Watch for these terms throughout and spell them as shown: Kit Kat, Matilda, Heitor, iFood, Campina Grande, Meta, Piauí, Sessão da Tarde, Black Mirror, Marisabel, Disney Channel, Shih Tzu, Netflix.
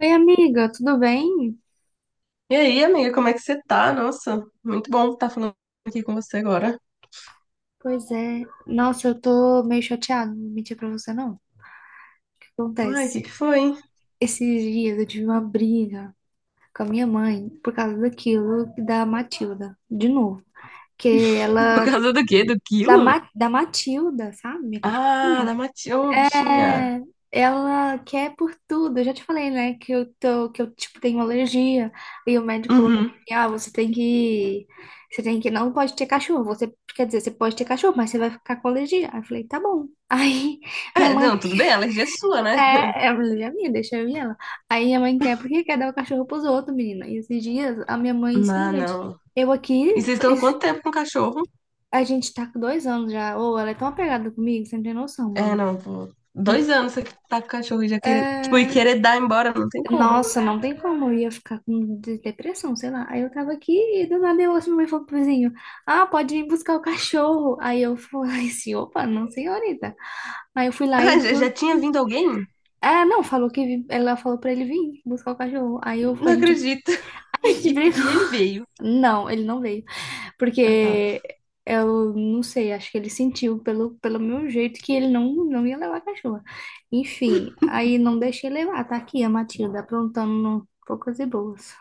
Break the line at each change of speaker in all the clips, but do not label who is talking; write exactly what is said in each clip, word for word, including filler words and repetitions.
Oi, amiga, tudo bem?
E aí, amiga, como é que você tá? Nossa, muito bom estar falando aqui com você agora.
Pois é. Nossa, eu tô meio chateada, não vou mentir pra você, não. O que
Ai, o
acontece?
que que foi, hein?
Esses dias eu tive uma briga com a minha mãe por causa daquilo da Matilda, de novo. Que
Por
ela,
causa do quê? Do
da,
quilo?
Ma, da Matilda, sabe? Minha
Ah, da
cachorrinha,
Mati... Ô, bichinha.
é, ela quer por tudo. Eu já te falei, né, que eu tô, que eu tipo tenho alergia. E o médico falou
Uhum.
assim, ah, você tem que, você tem que, não pode ter cachorro. Você, quer dizer, você pode ter cachorro, mas você vai ficar com alergia. Aí eu falei, tá bom. Aí minha
É,
mãe
não, tudo bem, alergia é sua, né?
quer, é alergia minha, deixa eu ir ela. Aí minha mãe quer porque quer dar o cachorro pros outros, menina. E esses dias a minha mãe
Não,
simplesmente,
não.
eu aqui,
E vocês estão há quanto tempo com o cachorro?
a gente tá com dois anos já. Ou ela é tão apegada comigo, você não tem noção,
É,
mano.
não, pô. Dois anos você tá com o cachorro e já querer, tipo, e
É,
querer dar embora, não tem como.
nossa, não tem como, eu ia ficar com de- depressão, sei lá. Aí eu tava aqui e do nada eu ouço minha mãe falando pro vizinho: ah, pode vir buscar o cachorro. Aí eu falei assim: opa, não, senhorita. Aí eu fui lá e.
Ah, já,
do-
já tinha vindo alguém?
Ah, não, falou que vi- ela falou pra ele vir buscar o cachorro. Aí eu, a
Não
gente,
acredito.
a gente
E,
brigou.
e ele veio.
Não, ele não veio.
Ah, tá.
Porque eu não sei, acho que ele sentiu pelo, pelo meu jeito que ele não, não ia levar a cachorra. Enfim, aí não deixei levar. Tá aqui a Matilda aprontando no poucas e boas.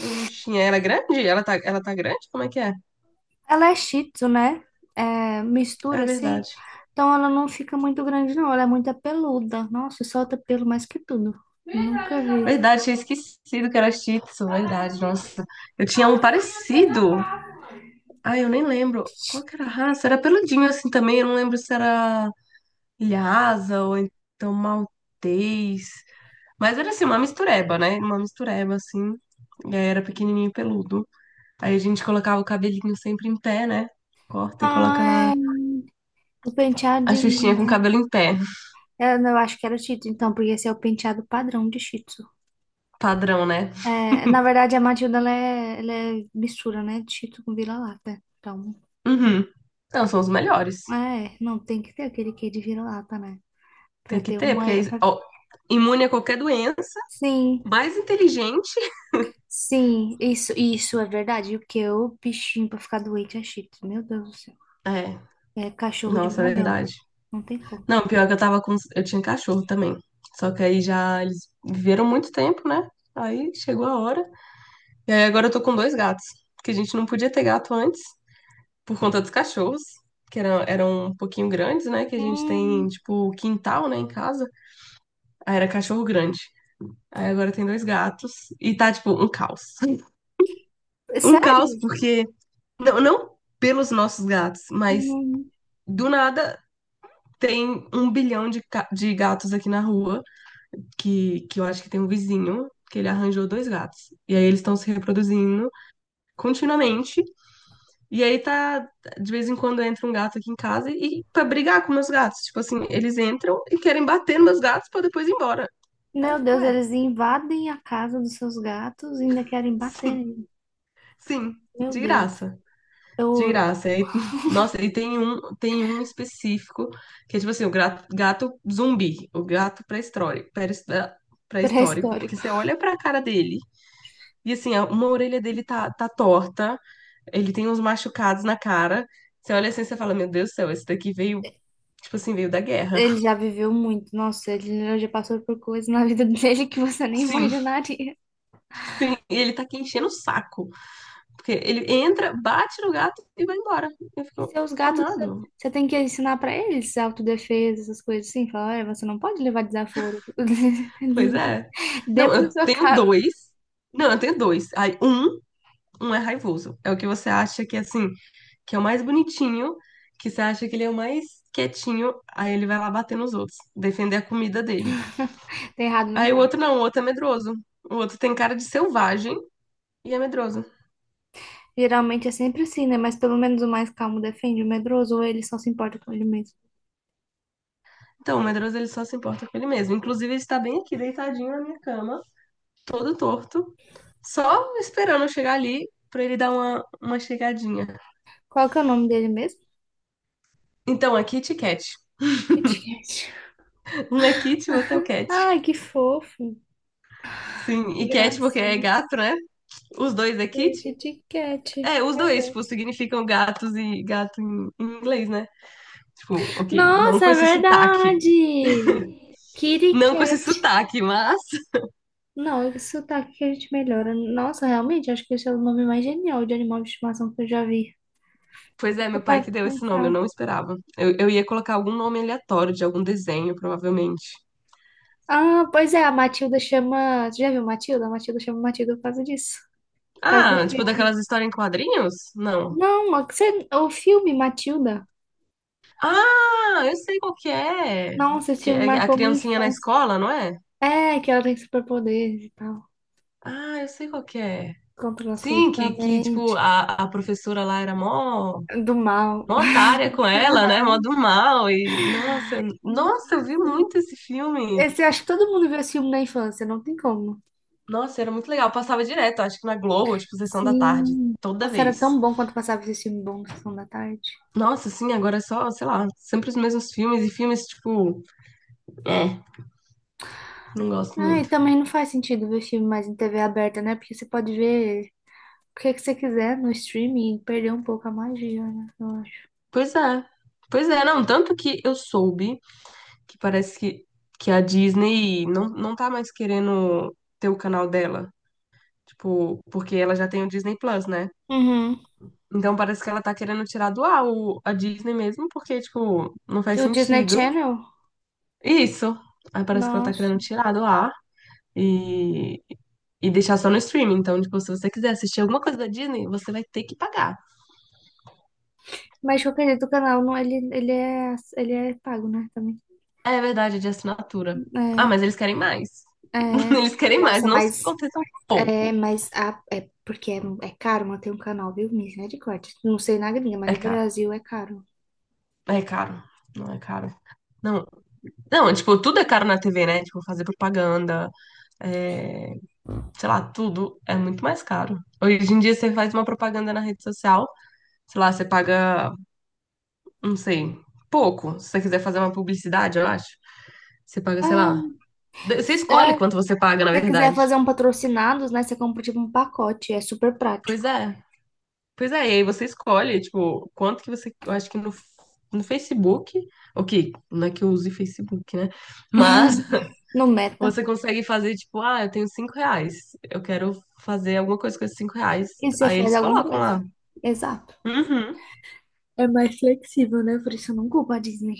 E o Bichinha, ela é grande? Ela tá, ela tá grande? Como é que é?
Ela é Shih Tzu, né? É,
É
mistura assim.
verdade.
Então ela não fica muito grande, não. Ela é muito peluda. Nossa, solta pelo mais que tudo. Nunca vi.
Verdade, tinha esquecido que era Shih Tzu, verdade, nossa. Eu tinha um parecido. Ai, eu nem lembro. Qual que era a raça? Era peludinho assim também, eu não lembro se era Lhasa ou então Maltês. Mas era assim, uma mistureba, né? Uma mistureba, assim. E aí era pequenininho e peludo. Aí a gente colocava o cabelinho sempre em pé, né? Corta e coloca
Ah,
lá
é. O
a Xuxinha com o
penteadinho.
cabelo em pé.
Eu, não, Eu acho que era Shih Tzu, então, porque esse é o penteado padrão de Shih Tzu.
Padrão, né?
É, na verdade, a Matilda ela é, ela é mistura, né? De Shih Tzu com vira-lata. Então,
Uhum. Não, são os melhores.
é, não tem que ter aquele quê de vira-lata, né? Pra
Tem que
ter
ter,
uma.
porque
É,
aí,
pra-
ó, imune a qualquer doença
Sim.
mais inteligente.
Sim, isso, isso é verdade. o que eu, bichinho, pra ficar doente é chique. Meu Deus do céu.
É,
É cachorro de
nossa, é
madame.
verdade.
Não tem como.
Não, pior que eu tava com. Eu tinha cachorro também. Só que aí já eles viveram muito tempo, né? Aí chegou a hora. E aí agora eu tô com dois gatos. Que a gente não podia ter gato antes, por conta dos cachorros, que eram, eram um pouquinho grandes, né? Que a gente tem,
Hum,
tipo, quintal, né, em casa. Aí era cachorro grande. Aí agora tem dois gatos. E tá, tipo, um caos. Um caos,
sério?
porque. Não, não pelos nossos gatos, mas
Hum.
do nada tem um bilhão de, ca- de gatos aqui na rua, que, que eu acho que tem um vizinho, que ele arranjou dois gatos. E aí eles estão se reproduzindo continuamente. E aí tá, de vez em quando entra um gato aqui em casa e pra brigar com meus gatos. Tipo assim, eles entram e querem bater nos meus gatos pra depois ir embora. Aí eu
Meu
fico,
Deus,
ué,
eles invadem a casa dos seus gatos e ainda querem bater
sim,
nele.
sim,
Meu
de
Deus.
graça. De
Eu,
graça. Aí, nossa, e tem um, tem um específico que é tipo assim, o gato, gato zumbi, o gato pré-histórico, pré-his- ah, pré-histórico, porque
pré-histórico.
você olha pra cara dele e assim, a- uma orelha dele tá, tá torta, ele tem uns machucados na cara. Você olha assim e você fala, meu Deus do céu, esse daqui veio, tipo assim, veio da guerra.
Ele já viveu muito. Nossa, ele já passou por coisas na vida dele que você nem
Sim,
imaginaria.
sim. E ele tá aqui enchendo o saco. Porque ele entra, bate no gato e vai embora. Eu
E
fico,
seus gatos,
amado.
você tem que ensinar pra eles autodefesa, essas coisas assim. Falar, olha, você não pode levar desaforo
Pois é. Não,
dentro da
eu
sua
tenho
casa.
dois. Não, eu tenho dois. Aí, um, um é raivoso. É o que você acha que, é, assim, que é o mais bonitinho, que você acha que ele é o mais quietinho, aí ele vai lá bater nos outros, defender a comida dele.
Tá errado, não
Aí o
tá.
outro não, o outro é medroso. O outro tem cara de selvagem e é medroso.
Geralmente é sempre assim, né? Mas pelo menos o mais calmo defende o medroso ou ele só se importa com ele mesmo.
Então, o medroso ele só se importa com ele mesmo. Inclusive, ele está bem aqui, deitadinho na minha cama, todo torto, só esperando eu chegar ali pra ele dar uma, uma chegadinha.
Qual que é o nome dele mesmo?
Então, é Kit Kat.
Kit Kat.
Um é Kit, o outro é o Cat.
Ai, que fofo.
Sim,
Que
e Cat porque é
gracinha.
gato, né? Os dois é
É,
Kit.
Kit Kat.
É, os
Meu
dois, tipo,
Deus.
significam gatos e gato em, em inglês, né? Tipo, ok, não
Nossa,
com
é
esse sotaque.
verdade. Kitty
Não com esse
Cat.
sotaque, mas.
Não, esse sotaque que a gente melhora. Nossa, realmente, acho que esse é o nome mais genial de animal de estimação que eu já vi.
Pois é,
Deixa eu
meu pai
parar
que deu
pra
esse nome, eu
pensar.
não esperava. Eu, eu ia colocar algum nome aleatório de algum desenho, provavelmente.
Ah, pois é, a Matilda chama. Você já viu Matilda? A Matilda chama Matilda por causa disso. Por causa do
Ah, tipo
filme.
daquelas histórias em quadrinhos? Não.
Não, a- Você... o filme Matilda.
Ah, eu sei qual que é.
Nossa, esse
Que
filme
é a
marcou minha
criancinha na
infância.
escola, não é?
É, que ela tem superpoderes e tal.
Ah, eu sei qual que é.
Controla as coisas
Sim,
da
que, que tipo,
mente.
a, a professora lá era mó,
Do mal.
mó otária com ela, né? Mó do mal. E, nossa, nossa, eu vi muito esse filme.
Esse, acho que todo mundo viu esse filme na infância, não tem como.
Nossa, era muito legal. Passava direto, acho que na Globo, tipo, sessão da tarde,
Sim.
toda
Nossa, era
vez.
tão bom quando passava esse filme bom no Sessão da Tarde.
Nossa, sim, agora é só, sei lá, sempre os mesmos filmes e filmes, tipo, é, não gosto
Ah, e
muito.
também não faz sentido ver filme mais em T V aberta, né? Porque você pode ver o que que você quiser no streaming e perder um pouco a magia, né? Eu acho.
Pois é. Pois é, não, tanto que eu soube que parece que, que a Disney não, não tá mais querendo ter o canal dela. Tipo, porque ela já tem o Disney Plus, né?
Uhum.
Então parece que ela tá querendo tirar do ar o- a Disney mesmo, porque, tipo, não faz
Do Disney
sentido.
Channel?
Isso. Aí parece que ela tá
Nossa.
querendo tirar do ar e, e deixar só no streaming. Então, tipo, se você quiser assistir alguma coisa da Disney, você vai ter que pagar.
Mas de qualquer jeito, o canal não, ele, ele é, ele é pago, né? Também.
É verdade, é de assinatura. Ah, mas eles querem mais.
É, é.
Eles querem mais,
Nossa,
não se
mas
contenta com
é,
pouco.
mas a, é porque é, é caro manter um canal, viu? Misericórdia. Não sei na gringa, mas
É
no
caro.
Brasil é caro.
É caro. Não é caro. Não, não, tipo, tudo é caro na T V, né? Tipo, fazer propaganda, é, sei lá, tudo é muito mais caro. Hoje em dia você faz uma propaganda na rede social, sei lá, você paga, não sei, pouco. Se você quiser fazer uma publicidade, eu acho, você paga, sei lá.
É,
de- Você escolhe
é,
quanto você paga, na
você quiser
verdade.
fazer um patrocinados, né? Você compra tipo um pacote, é super
Pois
prático.
é. Pois é, e aí você escolhe, tipo, quanto que você. Eu acho que no, no Facebook. Ok, não é que eu use Facebook, né? Mas
No Meta.
você consegue fazer, tipo, ah, eu tenho cinco reais. Eu quero fazer alguma coisa com esses cinco reais.
E você
Aí
faz
eles
alguma
colocam lá.
coisa. Exato.
Uhum.
É mais flexível, né? Por isso eu não culpo a Disney.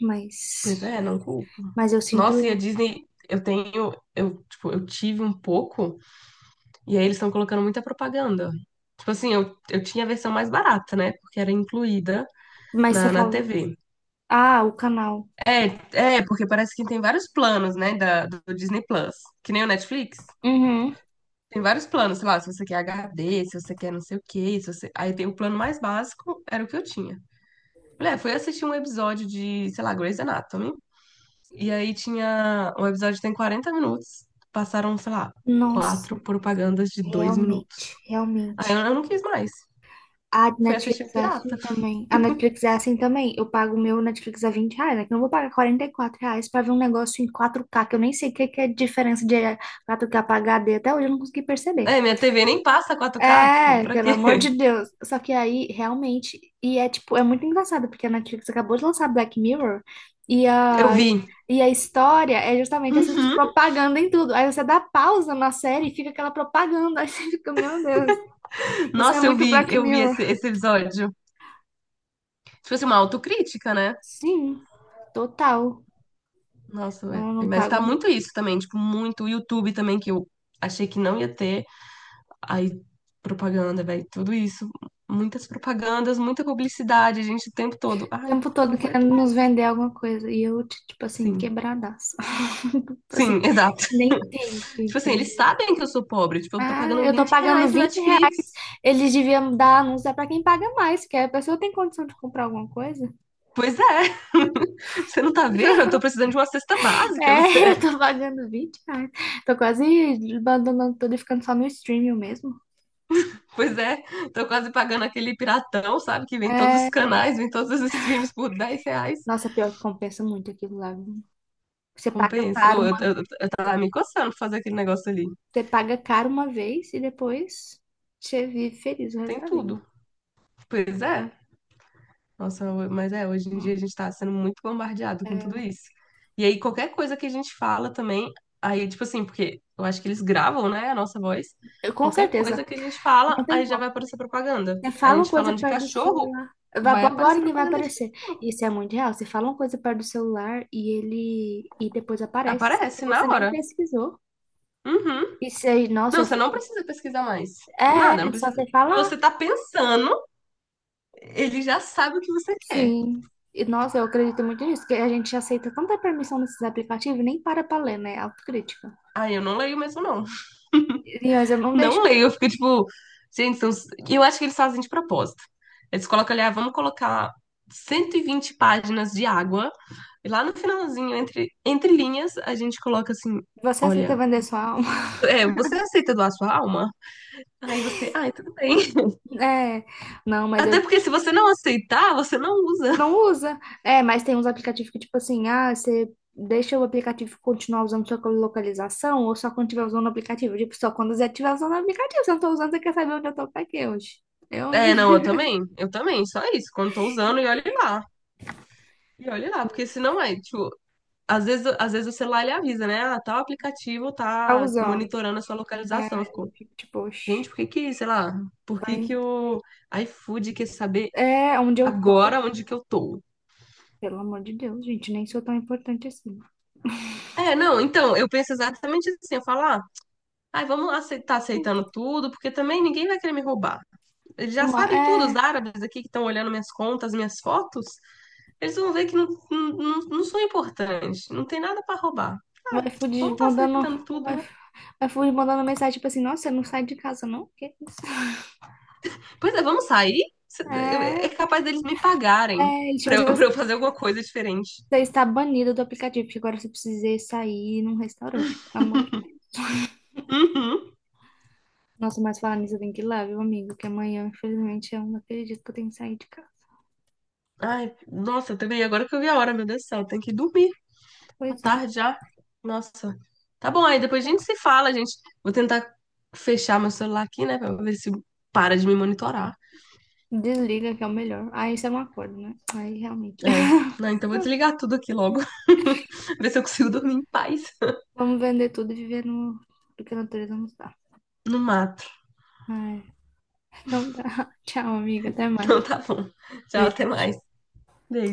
Mas,
Pois é, não culpo.
mas eu
Nossa, e a
sinto.
Disney, eu tenho, eu, tipo, eu tive um pouco, e aí eles estão colocando muita propaganda. Tipo assim, eu, eu tinha a versão mais barata, né? Porque era incluída
Mas você
na, na
fala.
T V.
Ah, o canal.
É, é, porque parece que tem vários planos, né, da, do Disney Plus. Que nem o Netflix.
Uhum.
Tem vários planos, sei lá, se você quer H D, se você quer não sei o quê, se você. Aí tem o plano mais básico, era o que eu tinha. Mulher, fui assistir um episódio de, sei lá, Grey's Anatomy. E aí tinha. O episódio tem quarenta minutos. Passaram, sei lá, quatro
Nossa,
propagandas de dois minutos.
realmente,
Aí eu,
realmente.
eu não quis mais.
A
Fui assistir o
Netflix é assim
Pirata.
também. A Netflix é assim também. Eu pago o meu Netflix a vinte reais, né? Que eu não vou pagar quarenta e quatro reais pra ver um negócio em quatro k que eu nem sei o que que é a diferença de quatro k pra H D. Até hoje eu não consegui perceber.
É, minha T V nem passa quatro k tipo,
É,
pra
pelo
quê?
amor de Deus. Só que aí, realmente, e é tipo, é muito engraçado, porque a Netflix acabou de lançar Black Mirror e
Eu
a,
vi.
e a história é justamente essa
Uhum.
propaganda em tudo. Aí você dá pausa na série e fica aquela propaganda. Aí você fica, meu Deus, isso é
Nossa, eu
muito
vi,
Black
eu vi
Mirror.
esse, esse episódio. Tipo assim, uma autocrítica, né?
Sim, total.
Nossa, velho.
Eu não
Mas
pago
tá
no
muito isso também, tipo, muito o YouTube também, que eu achei que não ia ter. Aí, propaganda, velho, tudo isso. Muitas propagandas, muita publicidade, gente, o tempo todo. Ai,
tempo
não
todo
aguento
querendo nos
mais.
vender alguma coisa. E eu, tipo assim,
Sim.
quebradaço. Tipo assim,
Sim, exato.
nem tento,
Tipo assim, eles
entendeu?
sabem que eu sou pobre. Tipo, eu tô
Ah,
pagando
eu tô
vinte
pagando
reais no
vinte reais.
Netflix.
Eles deviam dar anúncio é pra quem paga mais, porque a pessoa tem condição de comprar alguma coisa.
Pois é. Você não tá vendo? Eu tô precisando de uma cesta básica.
É,
Você.
eu tô pagando vinte reais. Tô quase abandonando tudo e ficando só no streaming mesmo.
Pois é. Tô quase pagando aquele piratão, sabe? Que vem todos os
É,
canais, vem todos os streams por dez reais.
nossa, pior que compensa muito aquilo lá, viu? Você paga
Compensa.
caro
Eu,
uma,
eu, eu tava me coçando pra fazer aquele negócio ali.
você paga caro uma vez e depois você vive feliz o resto
Tem
da vida.
tudo. Pois é. Nossa, ho- mas é, hoje em
Hum,
dia a gente tá sendo muito bombardeado com tudo isso. E aí, qualquer coisa que a gente fala também, aí, tipo assim, porque eu acho que eles gravam, né, a nossa voz.
eu- Com
Qualquer coisa
certeza.
que a gente fala,
Não tem
aí já vai
como.
aparecer propaganda.
Você
A
fala uma
gente
coisa
falando de
perto do
cachorro,
celular. Vai-
vai
Agora
aparecer
ninguém vai
propaganda de
aparecer.
cachorro.
Isso é muito real. Você fala uma coisa perto do celular e ele e depois aparece. E
Aparece na
você nem
hora.
pesquisou.
Uhum.
Isso aí, nossa,
Não,
eu
você não
fico.
precisa pesquisar mais. Nada,
É,
não
é só
precisa.
você
Você
falar.
tá pensando, ele já sabe o que você quer.
Sim. E, nossa, eu acredito muito nisso, que a gente aceita tanta permissão nesses aplicativos, nem para pra ler, né? Autocrítica.
Aí eu não leio mesmo, não.
E, Mas eu não deixo.
Não leio, eu fico tipo, gente, são. E eu acho que eles fazem de propósito. Eles colocam ali, ah, vamos colocar cento e vinte páginas de água, e lá no finalzinho, entre, entre linhas, a gente coloca assim:
Você aceita
olha,
vender sua alma?
é, você aceita doar sua alma? Aí você, ai, tudo bem.
É. Não, mas
Até
eu
porque se você não aceitar, você não usa.
Não usa. É, mas tem uns aplicativos que, tipo assim, ah, você deixa o aplicativo continuar usando sua localização ou só quando estiver usando o aplicativo. Tipo, só quando você estiver usando o aplicativo. Se eu não tô usando, você quer saber onde eu tô pra quê hoje? Eu, hein?
É, não, eu também, eu também, só isso. Quando tô usando, e olhe lá. E olhe lá, porque senão é, tipo, às vezes, às vezes o celular ele avisa, né? Ah, tal aplicativo
Tá
tá
usando.
monitorando a sua
É,
localização.
eu fico tipo, oxe,
Gente, por que que, sei lá, por que que
vai.
o iFood quer saber
É, onde eu tô?
agora onde que eu tô?
Pelo amor de Deus, gente, nem sou tão importante assim.
É, não, então, eu penso exatamente assim, eu falo, ah, ai, vamos aceitar, aceitando tudo, porque também ninguém vai querer me roubar. Eles já
Uma,
sabem tudo, os
é,
árabes aqui que estão olhando minhas contas, minhas fotos, eles vão ver que não, não, não, não sou importante, não tem nada pra roubar.
o
Ah, vamos
iFood
estar
mandando,
aceitando
o
tudo, né?
iFood o iFood mandando mensagem, tipo assim, nossa, você não sai de casa, não? O quê?
Pois é, vamos sair? Cê- eu- É
É,
capaz deles me pagarem
é, e, tipo
pra
assim,
eu, pra eu fazer alguma coisa diferente.
você está banido do aplicativo, porque agora você precisa sair num restaurante, pelo amor de Deus.
Uhum.
Nossa, mas falando nisso, eu tenho que ir lá, viu, amigo? Que amanhã, infelizmente, eu não acredito que eu tenho que sair de casa.
Ai, nossa, também, agora que eu vi a hora, meu Deus do céu, tem que dormir. Boa
Pois é.
tarde já. Nossa. Tá bom, aí depois a gente se fala, gente. Vou tentar fechar meu celular aqui, né, pra ver se para de me monitorar.
Desliga, que é o melhor. Aí isso é um acordo, né? Aí realmente.
É. Não, então eu vou desligar tudo aqui logo. Ver se eu consigo dormir em paz
Vamos vender tudo e viver no... do que a natureza nos dá.
no mato.
É, então tá. Tchau, amiga. Até mais.
Então tá bom. Tchau, até
Beijo.
mais. Beijo.